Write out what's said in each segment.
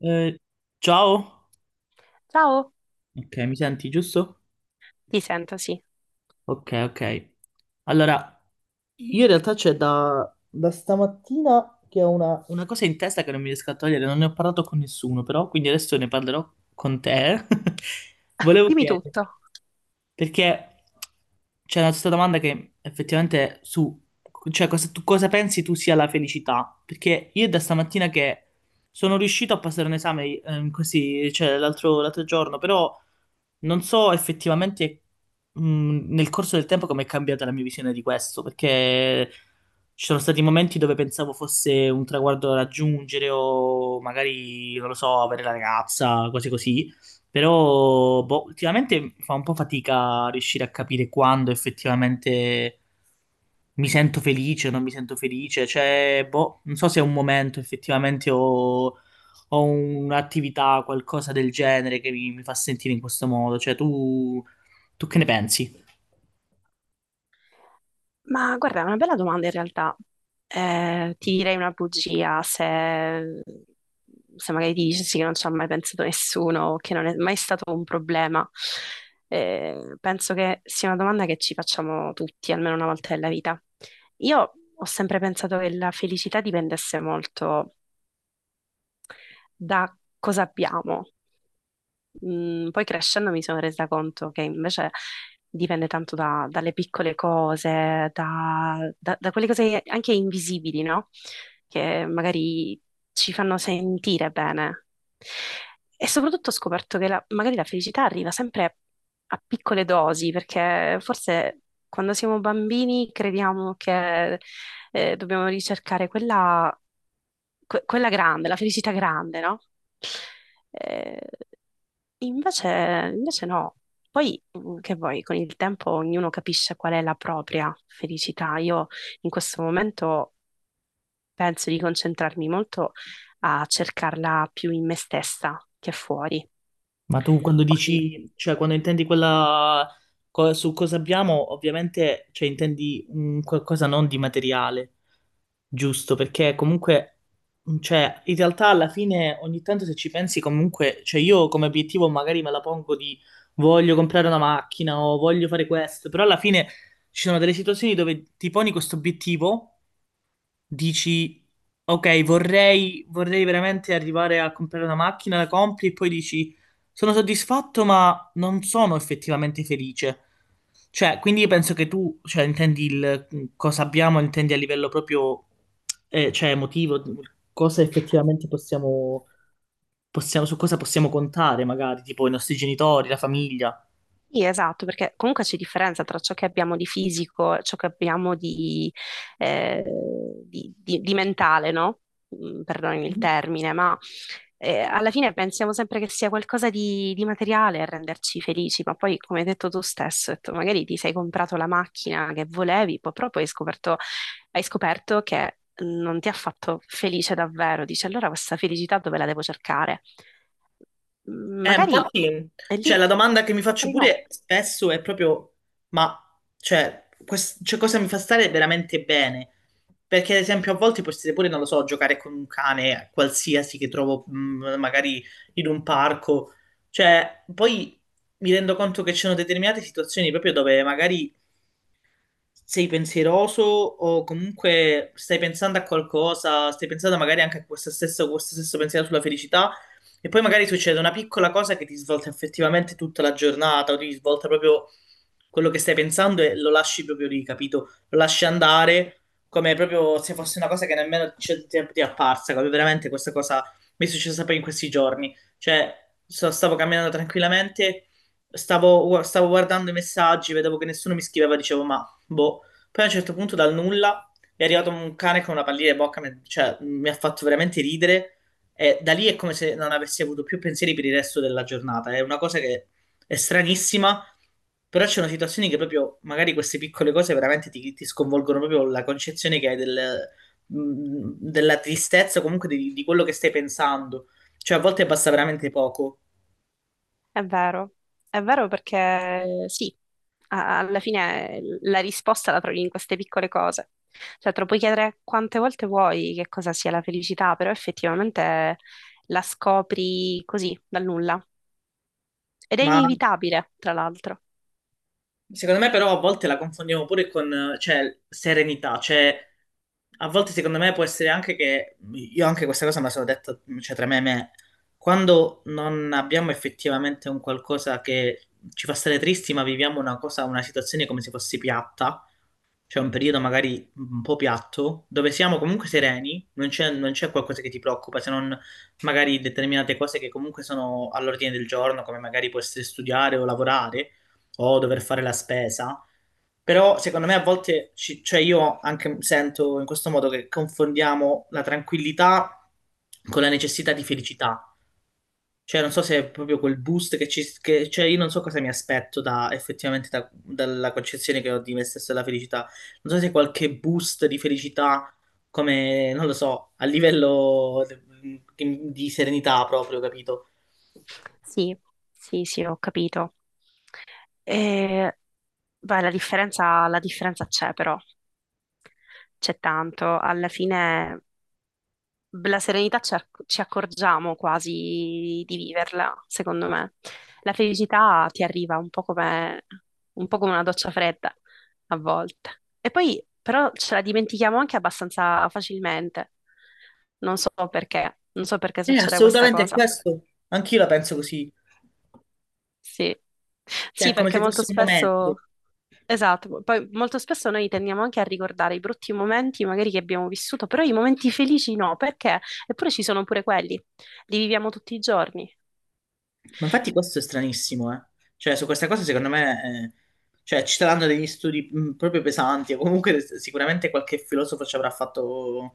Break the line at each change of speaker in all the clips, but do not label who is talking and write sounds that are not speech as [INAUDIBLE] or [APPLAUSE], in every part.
Eh, ciao,
Ciao,
ok, mi senti giusto?
ti sento, sì.
Ok, ok. Allora, io in realtà c'è da stamattina che ho una cosa in testa che non mi riesco a togliere, non ne ho parlato con nessuno, però quindi adesso ne parlerò con te. [LAUGHS] Volevo
Dimmi
chiederti.
tutto.
Perché c'è una questa domanda che effettivamente su, cioè cosa, tu cosa pensi tu sia la felicità? Perché io da stamattina che sono riuscito a passare un esame così, cioè l'altro giorno, però non so effettivamente nel corso del tempo come è cambiata la mia visione di questo, perché ci sono stati momenti dove pensavo fosse un traguardo da raggiungere o magari, non lo so, avere la ragazza, cose così. Però boh, ultimamente fa un po' fatica a riuscire a capire quando effettivamente mi sento felice o non mi sento felice. Cioè, boh, non so se è un momento effettivamente o un'attività, qualcosa del genere che mi fa sentire in questo modo. Cioè, tu che ne pensi?
Ma guarda, è una bella domanda in realtà. Ti direi una bugia se magari dici che non ci ha mai pensato nessuno o che non è mai stato un problema. Penso che sia una domanda che ci facciamo tutti, almeno una volta nella vita. Io ho sempre pensato che la felicità dipendesse molto da cosa abbiamo. Poi crescendo mi sono resa conto che invece dipende tanto dalle piccole cose, da quelle cose anche invisibili, no? Che magari ci fanno sentire bene. E soprattutto ho scoperto che magari la felicità arriva sempre a piccole dosi, perché forse quando siamo bambini crediamo che dobbiamo ricercare quella grande, la felicità grande, no? Eh, invece, Invece no. Poi, che vuoi, con il tempo ognuno capisce qual è la propria felicità. Io in questo momento penso di concentrarmi molto a cercarla più in me stessa che fuori.
Ma tu quando
Poi,
dici, cioè quando intendi quella su cosa abbiamo, ovviamente cioè, intendi un qualcosa non di materiale, giusto? Perché comunque, cioè, in realtà alla fine ogni tanto se ci pensi comunque, cioè io come obiettivo magari me la pongo di voglio comprare una macchina o voglio fare questo, però alla fine ci sono delle situazioni dove ti poni questo obiettivo dici, ok, vorrei veramente arrivare a comprare una macchina, la compri e poi dici, sono soddisfatto ma non sono effettivamente felice. Cioè, quindi io penso che tu, cioè, intendi il cosa abbiamo, intendi a livello proprio, cioè, emotivo, cosa effettivamente su cosa possiamo contare, magari, tipo i nostri genitori, la famiglia.
sì, esatto, perché comunque c'è differenza tra ciò che abbiamo di fisico e ciò che abbiamo di, eh, di mentale, no? Perdonami il termine, ma alla fine pensiamo sempre che sia qualcosa di materiale a renderci felici, ma poi, come hai detto tu stesso, hai detto, magari ti sei comprato la macchina che volevi, poi proprio hai hai scoperto che non ti ha fatto felice davvero. Dici, allora questa felicità dove la devo cercare? Magari
Infatti,
è
cioè,
lì,
la domanda che mi faccio
magari no.
pure spesso è proprio, ma cioè, cioè, cosa mi fa stare veramente bene? Perché, ad esempio, a volte potete pure, non lo so, giocare con un cane qualsiasi che trovo magari in un parco. Cioè, poi mi rendo conto che ci sono determinate situazioni proprio dove magari sei pensieroso o comunque stai pensando a qualcosa, stai pensando magari anche a questo stesso pensiero sulla felicità e poi magari succede una piccola cosa che ti svolta effettivamente tutta la giornata o ti svolta proprio quello che stai pensando e lo lasci proprio lì, capito? Lo lasci andare come proprio se fosse una cosa che nemmeno c'è tempo ti è apparsa, come veramente questa cosa mi è successa poi in questi giorni. Cioè, stavo camminando tranquillamente, stavo guardando i messaggi, vedevo che nessuno mi scriveva, dicevo, ma boh. Poi a un certo punto dal nulla è arrivato un cane con una pallina in bocca, cioè mi ha fatto veramente ridere e da lì è come se non avessi avuto più pensieri per il resto della giornata. È una cosa che è stranissima, però c'è una situazione che proprio magari queste piccole cose veramente ti sconvolgono proprio la concezione che hai della tristezza, comunque di quello che stai pensando. Cioè a volte basta veramente poco,
È vero, è vero perché sì, alla fine la risposta la trovi in queste piccole cose. Cioè, te lo puoi chiedere quante volte vuoi che cosa sia la felicità, però effettivamente la scopri così, dal nulla. Ed è
ma
inevitabile, tra l'altro.
secondo me però a volte la confondiamo pure con, cioè, serenità, cioè a volte secondo me può essere anche che, io anche questa cosa me la sono detta, cioè tra me e me, quando non abbiamo effettivamente un qualcosa che ci fa stare tristi, ma viviamo una cosa, una situazione come se fosse piatta, c'è un periodo magari un po' piatto, dove siamo comunque sereni, non c'è qualcosa che ti preoccupa, se non magari determinate cose che comunque sono all'ordine del giorno, come magari può essere studiare o lavorare o dover fare la spesa. Però secondo me a volte, cioè io anche sento in questo modo che confondiamo la tranquillità con la necessità di felicità. Cioè, non so se è proprio quel boost che ci... Che, cioè, io non so cosa mi aspetto effettivamente dalla concezione che ho di me stesso e della felicità. Non so se qualche boost di felicità, come, non lo so, a livello di serenità proprio, capito?
Sì, sì, sì, ho capito. E, beh, la differenza c'è però, c'è tanto. Alla fine la serenità ci accorgiamo quasi di viverla, secondo me. La felicità ti arriva un po' come una doccia fredda a volte. E poi però ce la dimentichiamo anche abbastanza facilmente. Non so perché, non so perché succede questa
Assolutamente è
cosa.
questo. Anch'io la penso così.
Sì.
Cioè, è
Sì,
come
perché
se
molto
fosse un momento.
spesso, esatto, poi molto spesso noi tendiamo anche a ricordare i brutti momenti magari che abbiamo vissuto, però i momenti felici no, perché? Eppure ci sono pure quelli, li viviamo tutti i giorni,
Ma infatti questo è stranissimo, eh. Cioè, su queste cose secondo me, cioè, ci saranno degli studi proprio pesanti, o comunque sicuramente qualche filosofo ci avrà fatto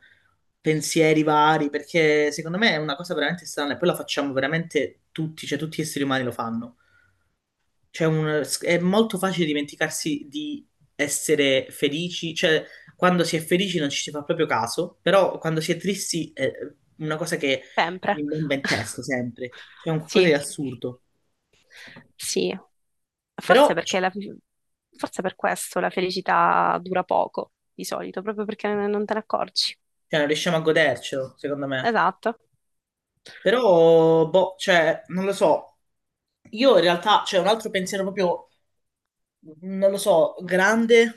pensieri vari, perché secondo me è una cosa veramente strana e poi la facciamo veramente tutti, cioè tutti gli esseri umani lo fanno. Cioè, è molto facile dimenticarsi di essere felici, cioè, quando si è felici non ci si fa proprio caso, però quando si è tristi è una cosa che
sempre.
mi bomba in testa
[LAUGHS]
sempre, cioè è un qualcosa di
Sì,
assurdo.
sì, forse
Però,
perché
cioè,
forse per questo la felicità dura poco di solito, proprio perché non te ne accorgi.
non riusciamo a godercelo, secondo me.
Esatto.
Però, boh, cioè, non lo so. Io in realtà, c'è un altro pensiero proprio, non lo so, grande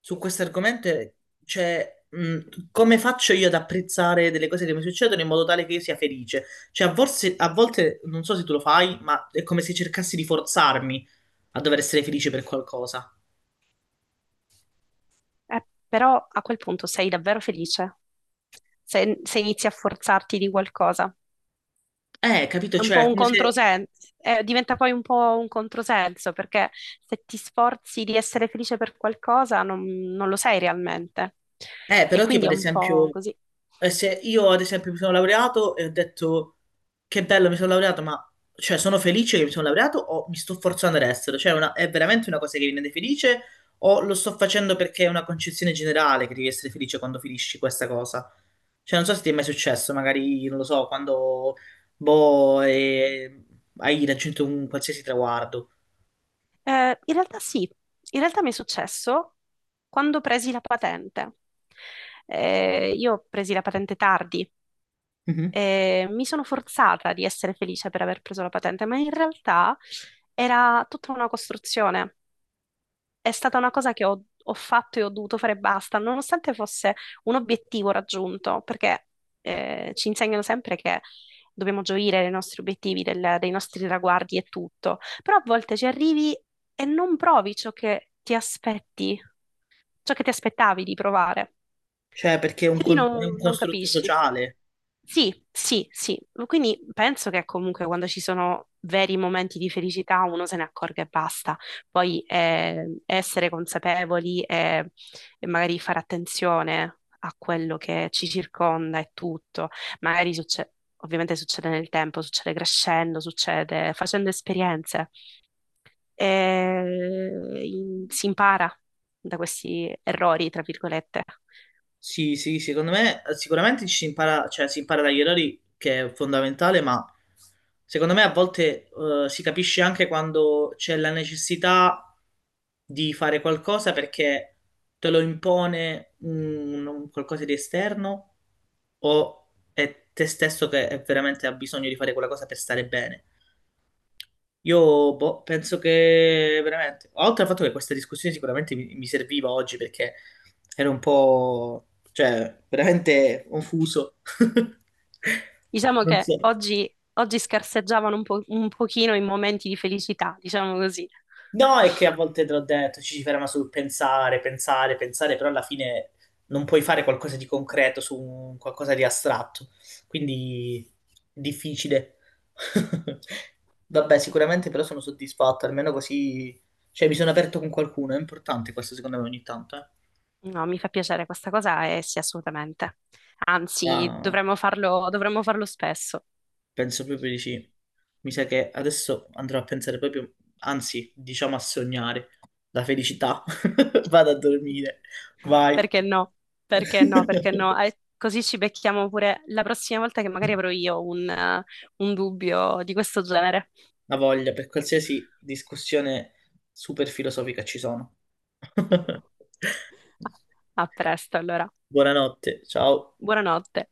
su questo argomento è, cioè, come faccio io ad apprezzare delle cose che mi succedono in modo tale che io sia felice? Cioè, a volte, non so se tu lo fai, ma è come se cercassi di forzarmi a dover essere felice per qualcosa.
Però a quel punto sei davvero felice se inizi a forzarti di qualcosa.
Capito?
È un
Cioè,
po'
è
un
come se...
controsenso, diventa poi un po' un controsenso perché se ti sforzi di essere felice per qualcosa non lo sei realmente. E
Però tipo
quindi è
ad
un po'
esempio,
così.
se io ad esempio mi sono laureato e ho detto che bello mi sono laureato, ma cioè sono felice che mi sono laureato o mi sto forzando ad essere? Cioè è una- è veramente una cosa che mi rende felice o lo sto facendo perché è una concezione generale che devi essere felice quando finisci questa cosa? Cioè non so se ti è mai successo, magari, non lo so, quando boh, hai raggiunto un qualsiasi traguardo.
In realtà sì, in realtà mi è successo quando presi la patente. Io presi la patente tardi
Mhm.
e mi sono forzata di essere felice per aver preso la patente, ma in realtà era tutta una costruzione. È stata una cosa che ho fatto e ho dovuto fare e basta, nonostante fosse un obiettivo raggiunto, perché ci insegnano sempre che dobbiamo gioire dei nostri dei nostri traguardi e tutto, però a volte ci arrivi e non provi ciò che ti aspetti, ciò che ti aspettavi di provare,
Cioè perché è un,
quindi
è un
non
costrutto
capisci.
sociale.
Sì, sì, sì. Quindi penso che comunque quando ci sono veri momenti di felicità uno se ne accorga e basta. Poi essere consapevoli e magari fare attenzione a quello che ci circonda e tutto. Magari succede, ovviamente succede nel tempo, succede crescendo, succede facendo esperienze. E, si impara da questi errori, tra virgolette.
Sì, sì, secondo me sicuramente ci si impara, cioè, si impara dagli errori, che è fondamentale, ma secondo me a volte si capisce anche quando c'è la necessità di fare qualcosa perché te lo impone un qualcosa di esterno o è te stesso che è veramente ha bisogno di fare quella cosa per stare bene. Io boh, penso che veramente, oltre al fatto che questa discussione sicuramente mi serviva oggi perché ero un po', cioè, veramente confuso. [LAUGHS]
Diciamo
Non
che
so.
oggi, oggi scarseggiavano un po' un pochino i momenti di felicità, diciamo così.
No, è che a volte te l'ho detto, ci si ferma sul pensare, pensare, pensare, però alla fine non puoi fare qualcosa di concreto su qualcosa di astratto, quindi è difficile. [LAUGHS] Vabbè, sicuramente però sono soddisfatto, almeno così, cioè mi sono aperto con qualcuno, è importante questo secondo me ogni tanto,
No, mi fa piacere questa cosa e sì, assolutamente. Anzi,
eh.
dovremmo farlo spesso.
Penso proprio di sì. Mi sa che adesso andrò a pensare proprio, anzi, diciamo a sognare la felicità. [LAUGHS] Vado a dormire. Vai.
Perché no?
[LAUGHS]
Perché no? Perché no? Così ci becchiamo pure la prossima volta che magari avrò io un dubbio di questo genere.
La voglia per qualsiasi discussione super filosofica ci sono. [LAUGHS]
[LAUGHS] A presto, allora.
Buonanotte, ciao.
Buonanotte.